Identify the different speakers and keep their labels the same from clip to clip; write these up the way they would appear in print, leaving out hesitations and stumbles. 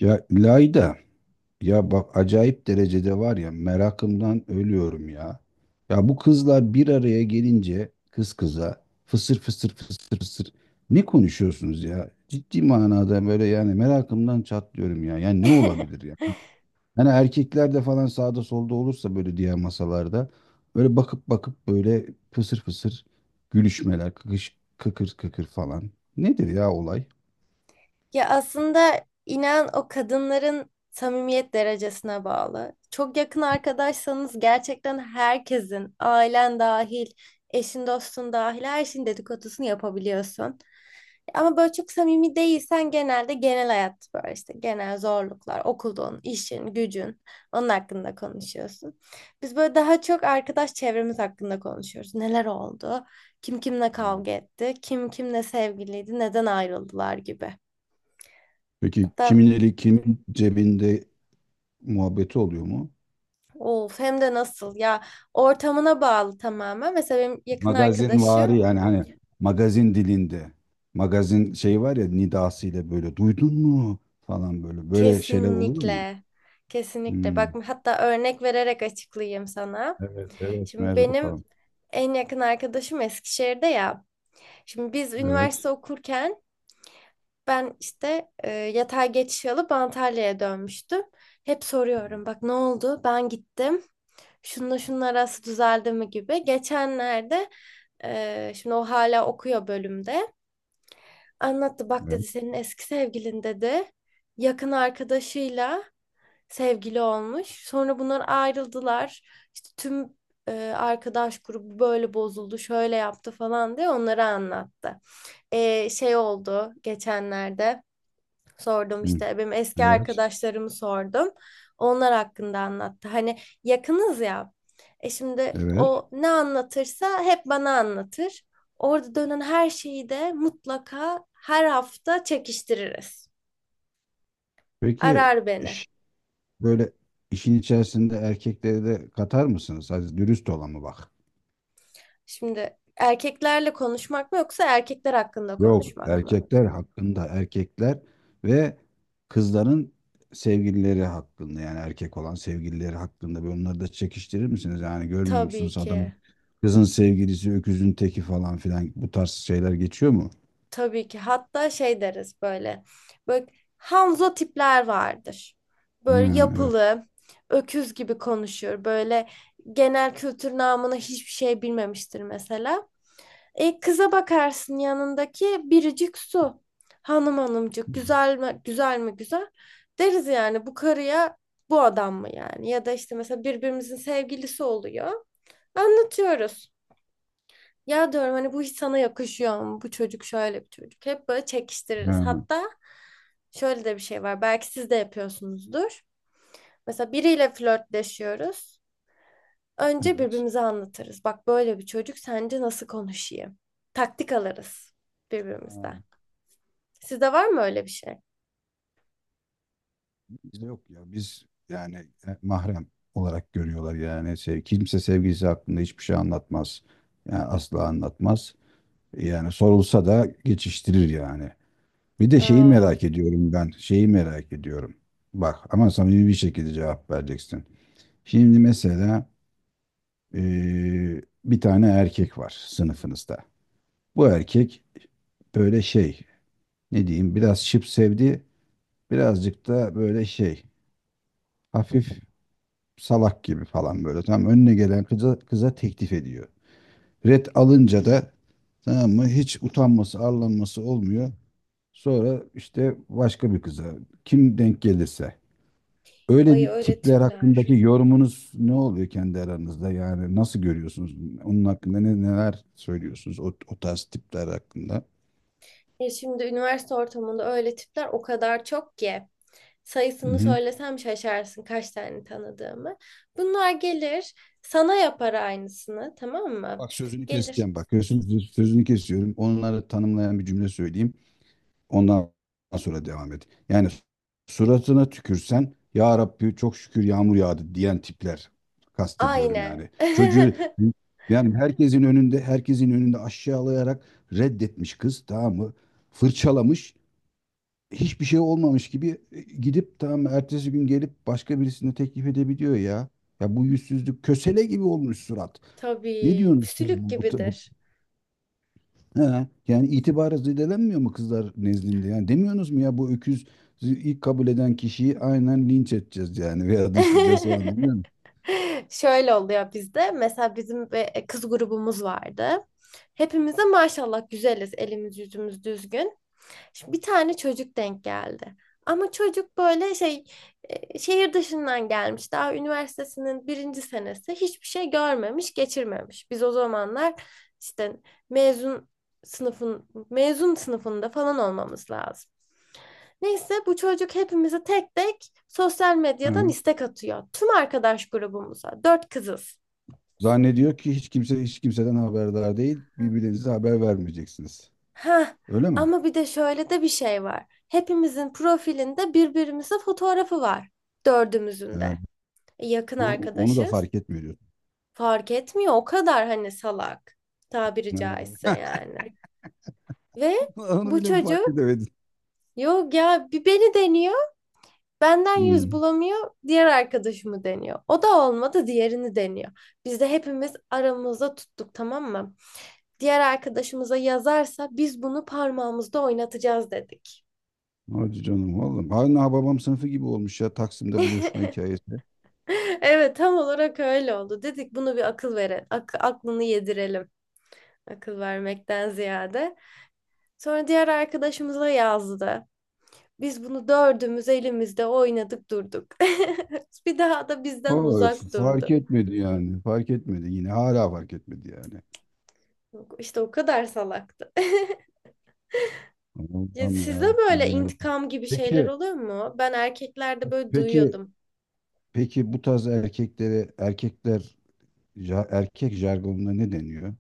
Speaker 1: Ya Layda, ya bak acayip derecede var ya merakımdan ölüyorum ya. Ya bu kızlar bir araya gelince kız kıza fısır fısır fısır fısır ne konuşuyorsunuz ya? Ciddi manada böyle yani merakımdan çatlıyorum ya. Yani ne olabilir ya? Hani erkekler de falan sağda solda olursa böyle diğer masalarda böyle bakıp bakıp fısır fısır gülüşmeler, kıkış, kıkır kıkır falan. Nedir ya olay?
Speaker 2: Ya aslında inan o kadınların samimiyet derecesine bağlı. Çok yakın arkadaşsanız gerçekten herkesin, ailen dahil, eşin dostun dahil her şeyin dedikodusunu yapabiliyorsun. Ama böyle çok samimi değilsen genelde genel hayat böyle işte genel zorluklar, okulun, işin, gücün onun hakkında konuşuyorsun. Biz böyle daha çok arkadaş çevremiz hakkında konuşuyoruz. Neler oldu? Kim kimle
Speaker 1: Hmm.
Speaker 2: kavga etti? Kim kimle sevgiliydi? Neden ayrıldılar gibi.
Speaker 1: Peki
Speaker 2: Hatta
Speaker 1: kimin eli kimin cebinde muhabbeti oluyor mu?
Speaker 2: of, hem de nasıl ya, ortamına bağlı tamamen. Mesela benim yakın
Speaker 1: Magazin,
Speaker 2: arkadaşım
Speaker 1: Magazinvari yani hani magazin dilinde. Magazin şey var ya nidasıyla böyle duydun mu falan böyle. Böyle şeyler oluyor mu?
Speaker 2: kesinlikle, kesinlikle
Speaker 1: Hmm.
Speaker 2: bak, hatta örnek vererek açıklayayım sana.
Speaker 1: Evet, evet.
Speaker 2: Şimdi
Speaker 1: Merhaba
Speaker 2: benim
Speaker 1: bakalım.
Speaker 2: en yakın arkadaşım Eskişehir'de ya. Şimdi biz
Speaker 1: Evet.
Speaker 2: üniversite okurken ben işte yatay geçiş alıp Antalya'ya dönmüştüm. Hep soruyorum, bak ne oldu? Ben gittim. Şununla şunun arası düzeldi mi gibi. Geçenlerde şimdi o hala okuyor bölümde. Anlattı, bak
Speaker 1: Evet.
Speaker 2: dedi, senin eski sevgilin dedi. Yakın arkadaşıyla sevgili olmuş. Sonra bunlar ayrıldılar. İşte tüm e, arkadaş grubu böyle bozuldu, şöyle yaptı falan diye onları anlattı. Şey oldu, geçenlerde sordum
Speaker 1: Hmm.
Speaker 2: işte, benim eski
Speaker 1: Evet.
Speaker 2: arkadaşlarımı sordum. Onlar hakkında anlattı. Hani yakınız ya. E şimdi
Speaker 1: Evet.
Speaker 2: o ne anlatırsa hep bana anlatır. Orada dönen her şeyi de mutlaka her hafta çekiştiririz.
Speaker 1: Peki
Speaker 2: Arar beni.
Speaker 1: iş- böyle işin içerisinde erkekleri de katar mısınız? Hadi dürüst olalım bak.
Speaker 2: Şimdi erkeklerle konuşmak mı yoksa erkekler hakkında
Speaker 1: Yok,
Speaker 2: konuşmak mı?
Speaker 1: erkekler hakkında erkekler ve kızların sevgilileri hakkında, yani erkek olan sevgilileri hakkında böyle onları da çekiştirir misiniz? Yani görmüyor
Speaker 2: Tabii
Speaker 1: musunuz adam
Speaker 2: ki.
Speaker 1: kızın sevgilisi öküzün teki falan filan, bu tarz şeyler geçiyor mu?
Speaker 2: Tabii ki. Hatta şey deriz böyle. Böyle Hanzo tipler vardır.
Speaker 1: Ha,
Speaker 2: Böyle
Speaker 1: evet.
Speaker 2: yapılı, öküz gibi konuşur. Böyle genel kültür namına hiçbir şey bilmemiştir mesela. E, kıza bakarsın, yanındaki biricik su. Hanım hanımcık, güzel mi güzel mi güzel, deriz yani bu karıya bu adam mı yani, ya da işte mesela birbirimizin sevgilisi oluyor. Anlatıyoruz. Ya diyorum, hani bu hiç sana yakışıyor mu? Bu çocuk şöyle bir çocuk. Hep böyle çekiştiririz.
Speaker 1: Ha,
Speaker 2: Hatta şöyle de bir şey var. Belki siz de yapıyorsunuzdur. Mesela biriyle flörtleşiyoruz. Önce
Speaker 1: evet.
Speaker 2: birbirimize anlatırız. Bak, böyle bir çocuk, sence nasıl konuşayım? Taktik alırız
Speaker 1: Ha,
Speaker 2: birbirimizden. Sizde var mı öyle bir şey?
Speaker 1: bizde yok ya, biz yani mahrem olarak görüyorlar, yani sev, kimse sevgilisi hakkında hiçbir şey anlatmaz. Yani asla anlatmaz. Yani sorulsa da geçiştirir yani. Bir de şeyi
Speaker 2: Aa,
Speaker 1: merak ediyorum ben. Şeyi merak ediyorum. Bak ama samimi bir şekilde cevap vereceksin. Şimdi mesela bir tane erkek var sınıfınızda. Bu erkek böyle şey, ne diyeyim, biraz şıp sevdi. Birazcık da böyle şey, hafif salak gibi falan böyle. Tamam, önüne gelen kıza teklif ediyor. Red alınca da, tamam mı, hiç utanması arlanması olmuyor. Sonra işte başka bir kıza kim denk gelirse. Öyle
Speaker 2: ay
Speaker 1: bir
Speaker 2: öyle
Speaker 1: tipler hakkındaki
Speaker 2: tipler.
Speaker 1: yorumunuz ne oluyor kendi aranızda? Yani nasıl görüyorsunuz? Onun hakkında neler söylüyorsunuz o tarz tipler hakkında?
Speaker 2: Ya şimdi üniversite ortamında öyle tipler o kadar çok ki,
Speaker 1: Hı
Speaker 2: sayısını
Speaker 1: hı.
Speaker 2: söylesem şaşarsın kaç tane tanıdığımı. Bunlar gelir, sana yapar aynısını, tamam mı?
Speaker 1: Bak sözünü
Speaker 2: Gelir
Speaker 1: keseceğim bak. Sözünü kesiyorum. Onları tanımlayan bir cümle söyleyeyim. Ondan sonra devam et. Yani suratına tükürsen ya Rabbi çok şükür yağmur yağdı diyen tipler kastediyorum
Speaker 2: aynı.
Speaker 1: yani. Çocuğu yani herkesin önünde aşağılayarak reddetmiş kız, tamam mı? Fırçalamış, hiçbir şey olmamış gibi gidip, tamam, ertesi gün gelip başka birisine teklif edebiliyor ya. Ya bu yüzsüzlük kösele gibi olmuş surat. Ne
Speaker 2: Tabii
Speaker 1: diyorsunuz siz
Speaker 2: püsülük
Speaker 1: bu-
Speaker 2: gibidir.
Speaker 1: He, yani itibarı zedelenmiyor mu kızlar nezdinde? Yani demiyorsunuz mu ya bu öküz ilk kabul eden kişiyi aynen linç edeceğiz yani veya dışlayacağız falan demiyor musun?
Speaker 2: Şöyle oluyor bizde. Mesela bizim bir kız grubumuz vardı. Hepimiz de maşallah güzeliz. Elimiz yüzümüz düzgün. Şimdi bir tane çocuk denk geldi. Ama çocuk böyle şey, şehir dışından gelmiş. Daha üniversitesinin birinci senesi, hiçbir şey görmemiş, geçirmemiş. Biz o zamanlar işte mezun, mezun sınıfında falan olmamız lazım. Neyse bu çocuk hepimize tek tek sosyal medyadan
Speaker 1: Hı.
Speaker 2: istek atıyor. Tüm arkadaş grubumuza. Dört kızız.
Speaker 1: Zannediyor ki hiç kimse hiç kimseden haberdar değil. Birbirinize haber vermeyeceksiniz.
Speaker 2: Ha
Speaker 1: Öyle mi?
Speaker 2: ama bir de şöyle de bir şey var. Hepimizin profilinde birbirimize fotoğrafı var.
Speaker 1: He,
Speaker 2: Dördümüzün de. Yakın
Speaker 1: onu da
Speaker 2: arkadaşız.
Speaker 1: fark etmiyor diyorsun.
Speaker 2: Fark etmiyor o kadar, hani salak, tabiri
Speaker 1: He.
Speaker 2: caizse yani. Ve
Speaker 1: Onu
Speaker 2: bu
Speaker 1: bile mi fark
Speaker 2: çocuk,
Speaker 1: edemedin?
Speaker 2: yok ya, bir beni deniyor, benden yüz
Speaker 1: Hmm.
Speaker 2: bulamıyor diğer arkadaşımı deniyor. O da olmadı diğerini deniyor. Biz de hepimiz aramızda tuttuk, tamam mı? Diğer arkadaşımıza yazarsa biz bunu parmağımızda oynatacağız dedik.
Speaker 1: Hadi canım vallahi. Hala babam sınıfı gibi olmuş ya, Taksim'de buluşma hikayesi.
Speaker 2: Evet, tam olarak öyle oldu. Dedik, bunu bir akıl verelim. Aklını yedirelim. Akıl vermekten ziyade. Sonra diğer arkadaşımıza yazdı. Biz bunu dördümüz elimizde oynadık durduk. Bir daha da bizden
Speaker 1: Vallahi
Speaker 2: uzak
Speaker 1: fark
Speaker 2: durdu.
Speaker 1: etmedi yani. Fark etmedi yine. Hala fark etmedi yani.
Speaker 2: İşte o kadar salaktı. Ya
Speaker 1: Allah'ım ya
Speaker 2: sizde
Speaker 1: Rabbim,
Speaker 2: böyle
Speaker 1: ya Rabbim.
Speaker 2: intikam gibi şeyler
Speaker 1: Peki,
Speaker 2: oluyor mu? Ben erkeklerde böyle
Speaker 1: peki,
Speaker 2: duyuyordum.
Speaker 1: peki bu tarz erkeklere, erkekler erkek jargonuna ne deniyor?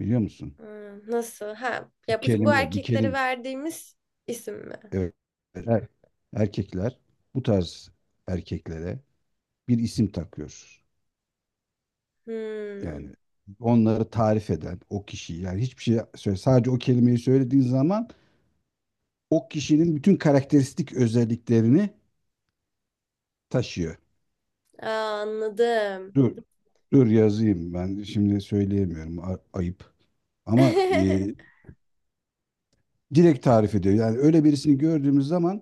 Speaker 1: Biliyor musun?
Speaker 2: Hmm, nasıl? Ha,
Speaker 1: Bir
Speaker 2: ya bu
Speaker 1: kelime, bir
Speaker 2: erkeklere
Speaker 1: kelime.
Speaker 2: verdiğimiz isim mi?
Speaker 1: Evet. Er- erkekler bu tarz erkeklere bir isim takıyor. Yani
Speaker 2: Hmm.
Speaker 1: onları tarif eden o kişi, yani hiçbir şey söyle, sadece o kelimeyi söylediğin zaman o kişinin bütün karakteristik özelliklerini taşıyor.
Speaker 2: Aa, anladım.
Speaker 1: Dur dur yazayım, ben şimdi söyleyemiyorum, ayıp. Ama direkt tarif ediyor. Yani öyle birisini gördüğümüz zaman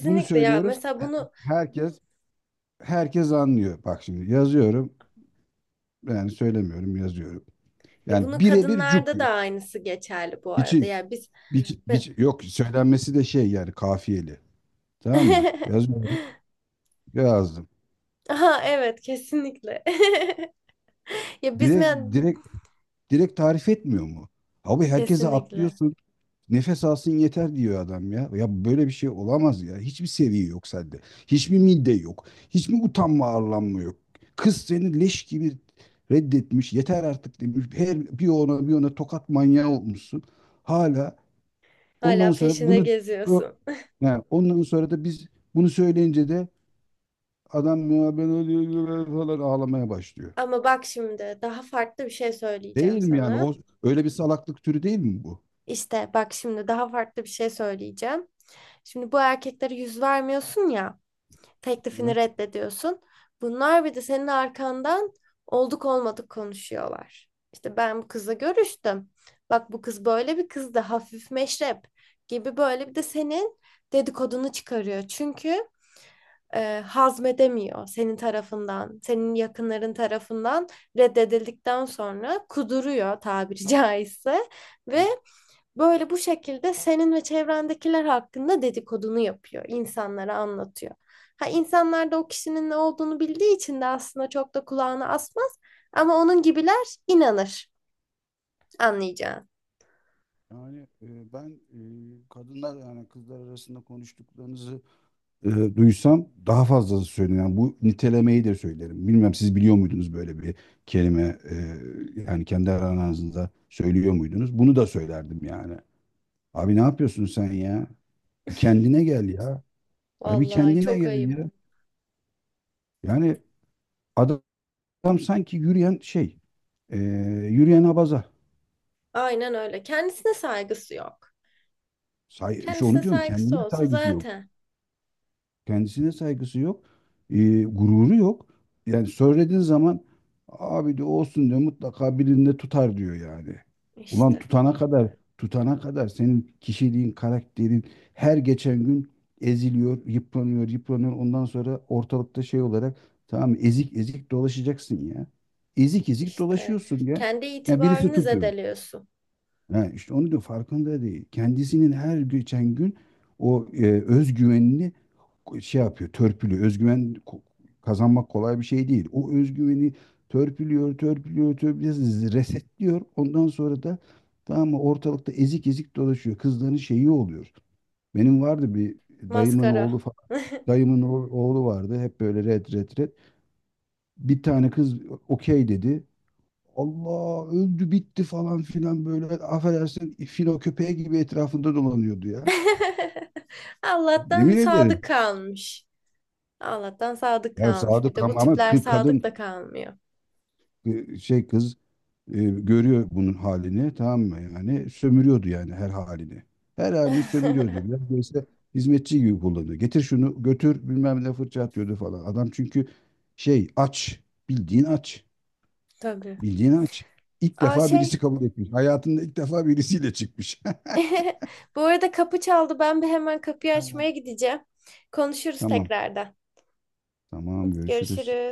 Speaker 1: bunu
Speaker 2: ya.
Speaker 1: söylüyoruz.
Speaker 2: Mesela bunu
Speaker 1: Herkes herkes anlıyor. Bak şimdi yazıyorum. Yani söylemiyorum, yazıyorum. Yani
Speaker 2: bunu
Speaker 1: birebir cuk.
Speaker 2: kadınlarda da aynısı geçerli bu arada.
Speaker 1: Biçi,
Speaker 2: Ya biz
Speaker 1: biçi- yok, söylenmesi de şey yani, kafiyeli. Tamam mı? Yazıyorum. Lazım.
Speaker 2: Aha, evet kesinlikle. Ya biz mi?
Speaker 1: Direkt, direkt, direkt tarif etmiyor mu? Abi herkese
Speaker 2: Kesinlikle.
Speaker 1: atlıyorsun. Nefes alsın yeter diyor adam ya. Ya böyle bir şey olamaz ya. Hiçbir seviye yok sende. Hiçbir midde yok. Hiçbir utanma arlanma yok. Kız seni leş gibi reddetmiş. Yeter artık demiş. Her bir ona bir ona tokat manyağı olmuşsun. Hala ondan
Speaker 2: Hala
Speaker 1: sonra
Speaker 2: peşinde
Speaker 1: bunu o-
Speaker 2: geziyorsun.
Speaker 1: yani ondan sonra da biz bunu söyleyince de adam ya ben öyle öyle öyle" falan ağlamaya başlıyor.
Speaker 2: Ama bak, şimdi daha farklı bir şey söyleyeceğim
Speaker 1: Değil mi yani? O
Speaker 2: sana.
Speaker 1: öyle bir salaklık türü değil mi bu?
Speaker 2: İşte bak, şimdi daha farklı bir şey söyleyeceğim. Şimdi bu erkeklere yüz vermiyorsun ya. Teklifini
Speaker 1: Evet.
Speaker 2: reddediyorsun. Bunlar bir de senin arkandan olduk olmadık konuşuyorlar. İşte ben bu kızla görüştüm. Bak bu kız böyle bir kızdı. Hafif meşrep gibi, böyle bir de senin dedikodunu çıkarıyor. Çünkü hazmedemiyor, senin tarafından, senin yakınların tarafından reddedildikten sonra kuduruyor, tabiri caizse, ve
Speaker 1: Evet.
Speaker 2: böyle bu şekilde senin ve çevrendekiler hakkında dedikodunu yapıyor, insanlara anlatıyor. Ha, insanlar da o kişinin ne olduğunu bildiği için de aslında çok da kulağını asmaz ama onun gibiler inanır, anlayacağın.
Speaker 1: Yani ben kadınlar yani kızlar arasında konuştuklarınızı e, duysam daha fazlası söylerim. Yani bu nitelemeyi de söylerim. Bilmem siz biliyor muydunuz böyle bir kelime, yani kendi aranızda söylüyor muydunuz? Bunu da söylerdim yani. Abi ne yapıyorsun sen ya? Bir kendine gel ya. Ya bir
Speaker 2: Vallahi
Speaker 1: kendine
Speaker 2: çok
Speaker 1: gel
Speaker 2: ayıp.
Speaker 1: ya. Yani adam sanki yürüyen şey, e, yürüyen abaza.
Speaker 2: Aynen öyle. Kendisine saygısı yok.
Speaker 1: İşte onu
Speaker 2: Kendisine
Speaker 1: diyorum,
Speaker 2: saygısı
Speaker 1: kendine
Speaker 2: olsa
Speaker 1: saygısı yok.
Speaker 2: zaten
Speaker 1: Kendisine saygısı yok. Gururu yok. Yani söylediğin zaman abi diyor olsun diyor, mutlaka birinde tutar diyor yani. Ulan
Speaker 2: işte,
Speaker 1: tutana kadar senin kişiliğin, karakterin her geçen gün eziliyor, yıpranıyor. Ondan sonra ortalıkta şey olarak, tamam, ezik ezik dolaşacaksın ya. Ezik ezik
Speaker 2: işte
Speaker 1: dolaşıyorsun ya.
Speaker 2: kendi
Speaker 1: Ya birisi
Speaker 2: itibarını
Speaker 1: tutuyor.
Speaker 2: zedeliyorsun.
Speaker 1: Ha, işte onu diyor, farkında değil. Kendisinin her geçen gün o özgüvenini şey yapıyor, törpülüyor. Özgüven kazanmak kolay bir şey değil. O özgüveni törpülüyor, resetliyor. Ondan sonra da, tamam mı, ortalıkta ezik ezik dolaşıyor. Kızların şeyi oluyor. Benim vardı bir dayımın oğlu
Speaker 2: Maskara.
Speaker 1: falan. Dayımın oğlu vardı. Hep böyle red. Bir tane kız okey dedi. Allah öldü bitti falan filan, böyle affedersin filo köpeği gibi etrafında dolanıyordu ya.
Speaker 2: Allah'tan
Speaker 1: Yemin ederim.
Speaker 2: sadık kalmış. Allah'tan sadık
Speaker 1: Ya
Speaker 2: kalmış. Bir
Speaker 1: sadık,
Speaker 2: de bu
Speaker 1: ama
Speaker 2: tipler sadık da
Speaker 1: kadın,
Speaker 2: kalmıyor.
Speaker 1: kız, görüyor bunun halini, tamam mı, yani sömürüyordu yani her halini. Her halini sömürüyordu. Biraz böyle hizmetçi gibi kullanıyor. Getir şunu götür bilmem ne, fırça atıyordu falan. Adam çünkü şey aç, bildiğin aç,
Speaker 2: Tabii.
Speaker 1: bildiğin aç. İlk
Speaker 2: Aa
Speaker 1: defa birisi
Speaker 2: şey,
Speaker 1: kabul etmiş. Hayatında ilk defa birisiyle çıkmış.
Speaker 2: bu arada kapı çaldı. Ben bir hemen kapıyı
Speaker 1: Ha,
Speaker 2: açmaya gideceğim. Konuşuruz
Speaker 1: tamam.
Speaker 2: tekrardan.
Speaker 1: Tamam, görüşürüz.
Speaker 2: Görüşürüz.